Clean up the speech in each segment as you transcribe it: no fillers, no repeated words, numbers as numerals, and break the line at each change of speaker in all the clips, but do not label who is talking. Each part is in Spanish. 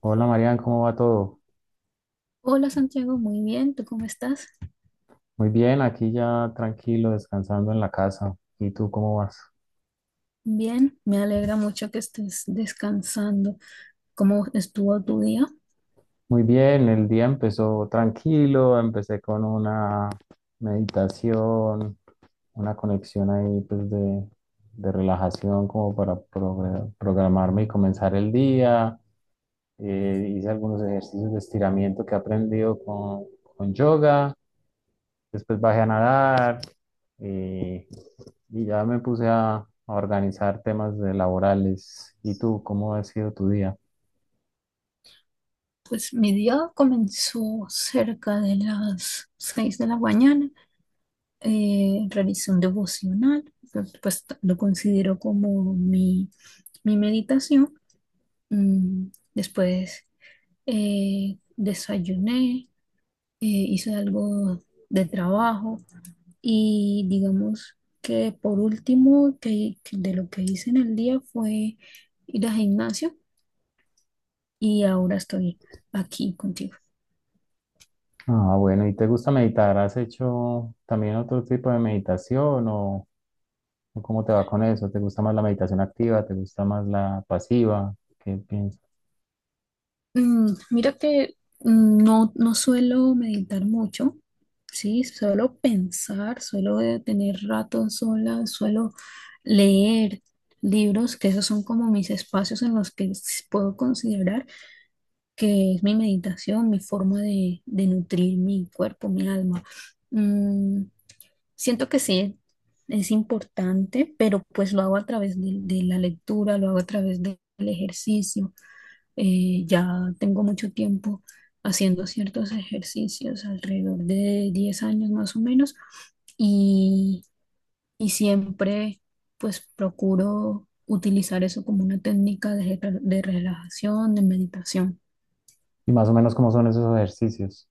Hola Marian, ¿cómo va todo?
Hola Santiago, muy bien, ¿tú cómo estás?
Muy bien, aquí ya tranquilo, descansando en la casa. ¿Y tú cómo vas?
Bien, me alegra mucho que estés descansando. ¿Cómo estuvo tu día?
Muy bien, el día empezó tranquilo, empecé con una meditación, una conexión ahí pues de relajación como para programarme y comenzar el día. Hice algunos ejercicios de estiramiento que he aprendido con yoga. Después bajé a nadar y, y ya me puse a organizar temas de laborales. ¿Y tú, cómo ha sido tu día?
Pues mi día comenzó cerca de las 6 de la mañana. Realicé un devocional, que, pues lo considero como mi meditación. Mm, después desayuné, hice algo de trabajo. Y digamos que por último, que de lo que hice en el día fue ir al gimnasio y ahora estoy aquí contigo.
Ah, bueno, ¿y te gusta meditar? ¿Has hecho también otro tipo de meditación o cómo te va con eso? ¿Te gusta más la meditación activa? ¿Te gusta más la pasiva? ¿Qué piensas?
Mira que no suelo meditar mucho, ¿sí? Suelo pensar, suelo tener ratos sola, suelo leer libros, que esos son como mis espacios en los que puedo considerar que es mi meditación, mi forma de nutrir mi cuerpo, mi alma. Mm, siento que sí, es importante, pero pues lo hago a través de la lectura, lo hago a través del ejercicio. Ya tengo mucho tiempo haciendo ciertos ejercicios, alrededor de 10 años más o menos, y, y siempre pues procuro utilizar eso como una técnica de, de relajación, de meditación.
Y más o menos cómo son esos ejercicios.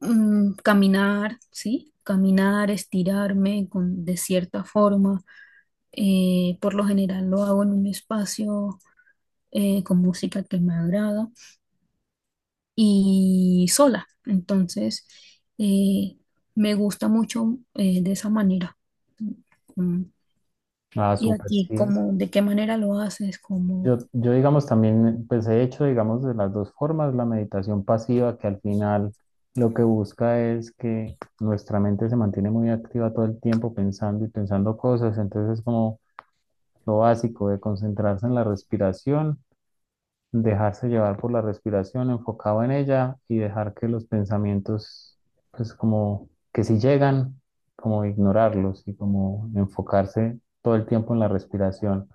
Mm, caminar, ¿sí? Caminar, estirarme con, de cierta forma. Por lo general lo hago en un espacio con música que me agrada y sola. Entonces, eh, me gusta mucho de esa manera. Mm.
Ah,
Y
súper,
aquí,
sí.
como de qué manera lo haces, como
Yo, digamos, también, pues he hecho, digamos, de las dos formas, la meditación pasiva, que al final lo que busca es que nuestra mente se mantiene muy activa todo el tiempo pensando y pensando cosas, entonces es como lo básico de concentrarse en la respiración, dejarse llevar por la respiración, enfocado en ella y dejar que los pensamientos, pues como que si llegan, como ignorarlos y como enfocarse todo el tiempo en la respiración.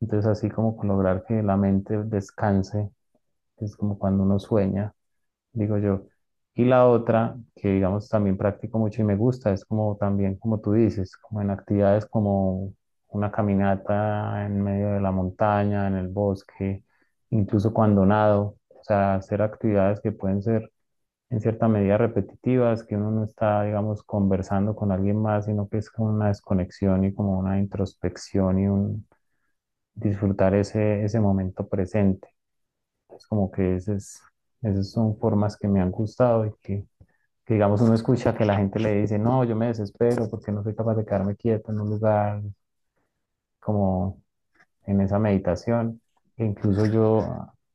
Entonces, así como con lograr que la mente descanse, que es como cuando uno sueña, digo yo. Y la otra, que digamos también practico mucho y me gusta, es como también, como tú dices, como en actividades como una caminata en medio de la montaña, en el bosque, incluso cuando nado, o sea, hacer actividades que pueden ser en cierta medida repetitivas, que uno no está, digamos, conversando con alguien más, sino que es como una desconexión y como una introspección y un, disfrutar ese momento presente. Es como que esas son formas que me han gustado y que, digamos, uno escucha que la gente le dice, no, yo me desespero porque no soy capaz de quedarme quieto en un lugar como en esa meditación. E incluso yo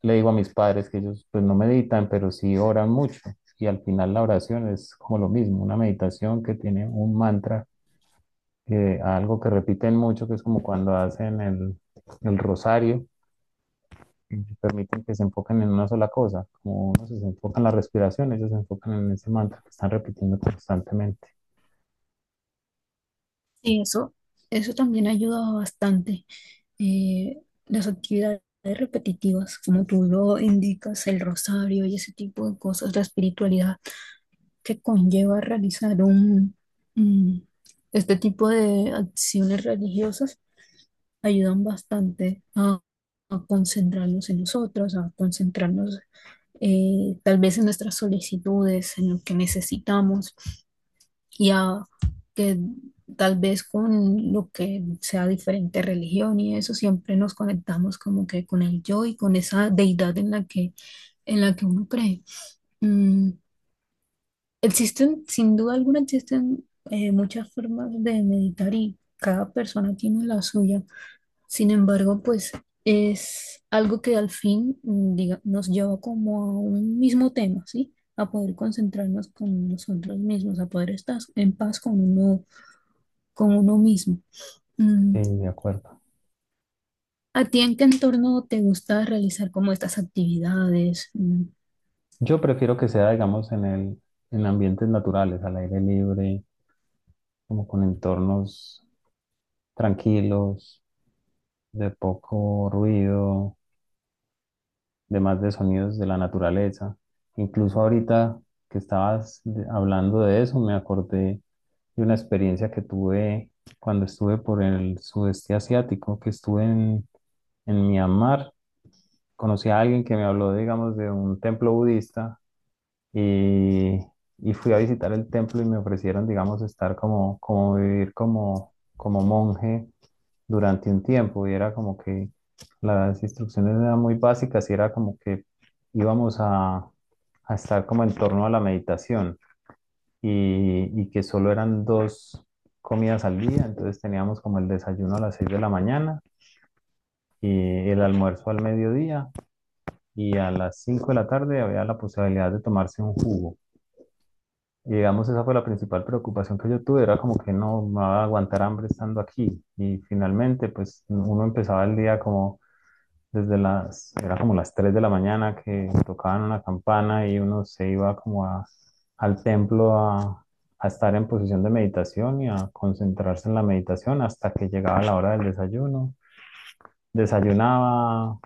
le digo a mis padres que ellos pues no meditan, pero sí oran mucho. Y al final la oración es como lo mismo, una meditación que tiene un mantra, algo que repiten mucho, que es como cuando hacen el rosario, mm, permiten que se enfoquen en una sola cosa. Como uno se enfoca en la respiración, ellos se enfocan en ese mantra que están repitiendo constantemente.
sí, eso también ayuda bastante. Eh, las actividades repetitivas, como tú lo indicas, el rosario y ese tipo de cosas, la espiritualidad que conlleva realizar un- este tipo de acciones religiosas ayudan bastante a concentrarnos en nosotros, a concentrarnos tal vez en nuestras solicitudes, en lo que necesitamos y a que tal vez con lo que sea diferente religión y eso siempre nos conectamos como que con el yo y con esa deidad en la en la que uno cree. Mm, existen, sin duda alguna, existen muchas formas de meditar y cada persona tiene la suya. Sin embargo, pues es algo que al fin nos lleva como a un mismo tema, ¿sí? A poder concentrarnos con nosotros mismos, a poder estar en paz con uno mismo. Mm,
Sí, de acuerdo.
¿a ti en qué entorno te gusta realizar como estas actividades? Mm,
Yo prefiero que sea, digamos, en ambientes naturales, al aire libre, como con entornos tranquilos, de poco ruido, de más de sonidos de la naturaleza. Incluso ahorita que estabas hablando de eso, me acordé de una experiencia que tuve cuando estuve por el sudeste asiático, que estuve en Myanmar, conocí a alguien que me habló, digamos, de un templo budista y, y fui a visitar el templo y me ofrecieron, digamos, estar como, como vivir como monje durante un tiempo y era como que las instrucciones eran muy básicas y era como que íbamos a estar como en torno a la meditación y que solo eran dos comidas al día, entonces teníamos como el desayuno a las 6 de la mañana y el almuerzo al mediodía y a las 5 de la tarde había la posibilidad de tomarse un jugo. Y digamos, esa fue la principal preocupación que yo tuve, era como que no me va a aguantar hambre estando aquí. Y finalmente, pues uno empezaba el día como desde las, era como las 3 de la mañana que tocaban una campana y uno se iba como al templo a estar en posición de meditación y a concentrarse en la meditación hasta que llegaba la hora del desayuno. Desayunaba,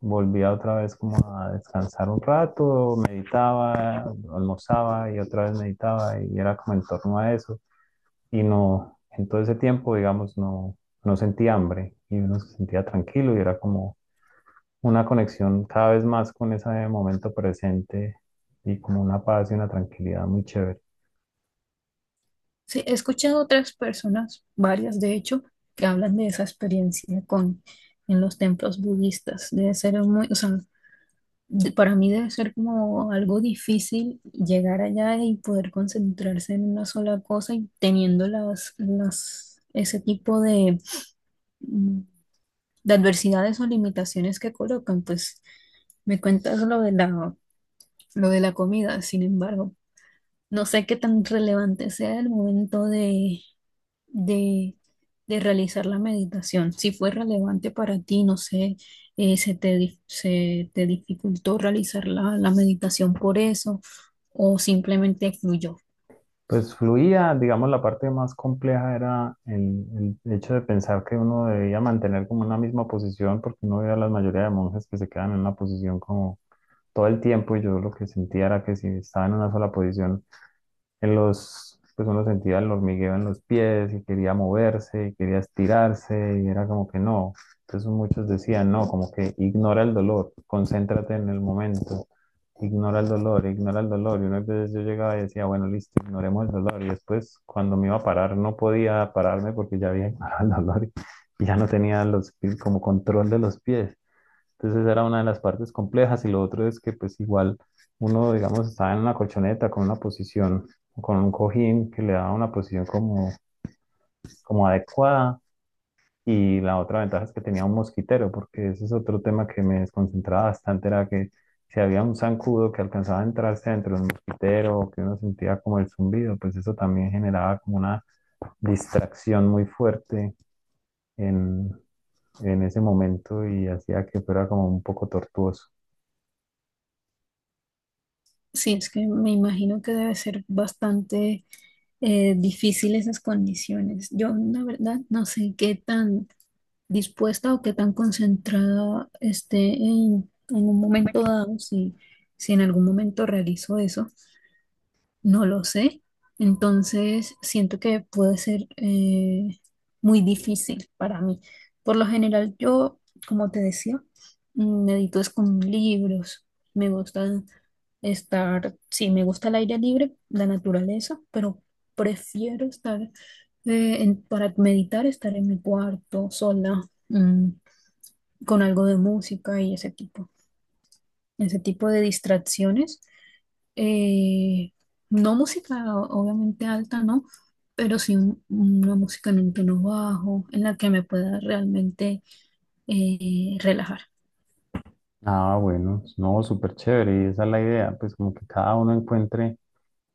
volvía otra vez como a descansar un rato, meditaba, almorzaba y otra vez meditaba y era como en torno a eso. Y no, en todo ese tiempo, digamos, no sentía hambre y uno se sentía tranquilo y era como una conexión cada vez más con ese momento presente y como una paz y una tranquilidad muy chévere.
sí, he escuchado otras personas, varias de hecho, que hablan de esa experiencia con en los templos budistas. Debe ser muy, o sea, para mí debe ser como algo difícil llegar allá y poder concentrarse en una sola cosa y teniendo las, ese tipo de, mm, de adversidades o limitaciones que colocan. Pues me cuentas lo de la comida, sin embargo, no sé qué tan relevante sea el momento de, de realizar la meditación, si fue relevante para ti, no sé, se se te dificultó realizar la meditación por eso o simplemente fluyó.
Pues fluía, digamos, la parte más compleja era el hecho de pensar que uno debía mantener como una misma posición, porque uno veía a la mayoría de monjes que se quedan en una posición como todo el tiempo, y yo lo que sentía era que si estaba en una sola posición, en los, pues uno sentía el hormigueo en los pies y quería moverse y quería estirarse y era como que no. Entonces muchos decían, no, como que ignora el dolor, concéntrate en el momento, ignora el dolor, ignora el dolor. Y unas veces yo llegaba y decía, bueno, listo, ignoremos el dolor. Y después cuando me iba a parar no podía pararme porque ya había ignorado el dolor y ya no tenía los, como control de los pies. Entonces esa era una de las partes complejas y lo otro es que pues igual uno, digamos, estaba en una colchoneta con una posición, con un cojín que le daba una posición como, como adecuada y la otra ventaja es que tenía un mosquitero, porque ese es otro tema que me desconcentraba bastante, era que si había un zancudo que alcanzaba a entrarse dentro de un mosquitero o que uno sentía como el zumbido, pues eso también generaba como una distracción muy fuerte en, en ese momento y hacía que fuera como un poco tortuoso.
Sí, es que me imagino que debe ser bastante difícil esas condiciones. Yo, la verdad, no sé qué tan dispuesta o qué tan concentrada esté en un momento dado, si, si en algún momento realizo eso. No lo sé. Entonces, siento que puede ser muy difícil para mí. Por lo general, yo, como te decía, mm, medito es con libros. Me gusta estar, sí, me gusta el aire libre, la naturaleza, pero prefiero estar, para meditar, estar en mi cuarto sola, mm, con algo de música y ese tipo de distracciones eh, no música obviamente alta, ¿no? Pero sí una música en un tono bajo, en la que me pueda realmente relajar.
Ah, bueno, no, súper chévere, y esa es la idea, pues como que cada uno encuentre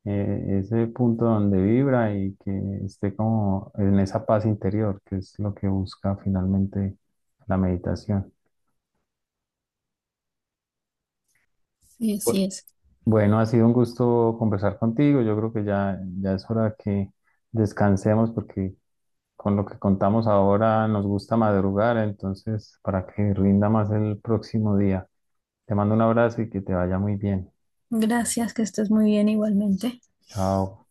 ese punto donde vibra y que esté como en esa paz interior, que es lo que busca finalmente la meditación.
Sí, así
Bu-
es.
Bueno, ha sido un gusto conversar contigo, yo creo que ya es hora que descansemos porque con lo que contamos ahora nos gusta madrugar, entonces para que rinda más el próximo día. Te mando un abrazo y que te vaya muy bien.
Gracias, que estés muy bien igualmente.
Chao.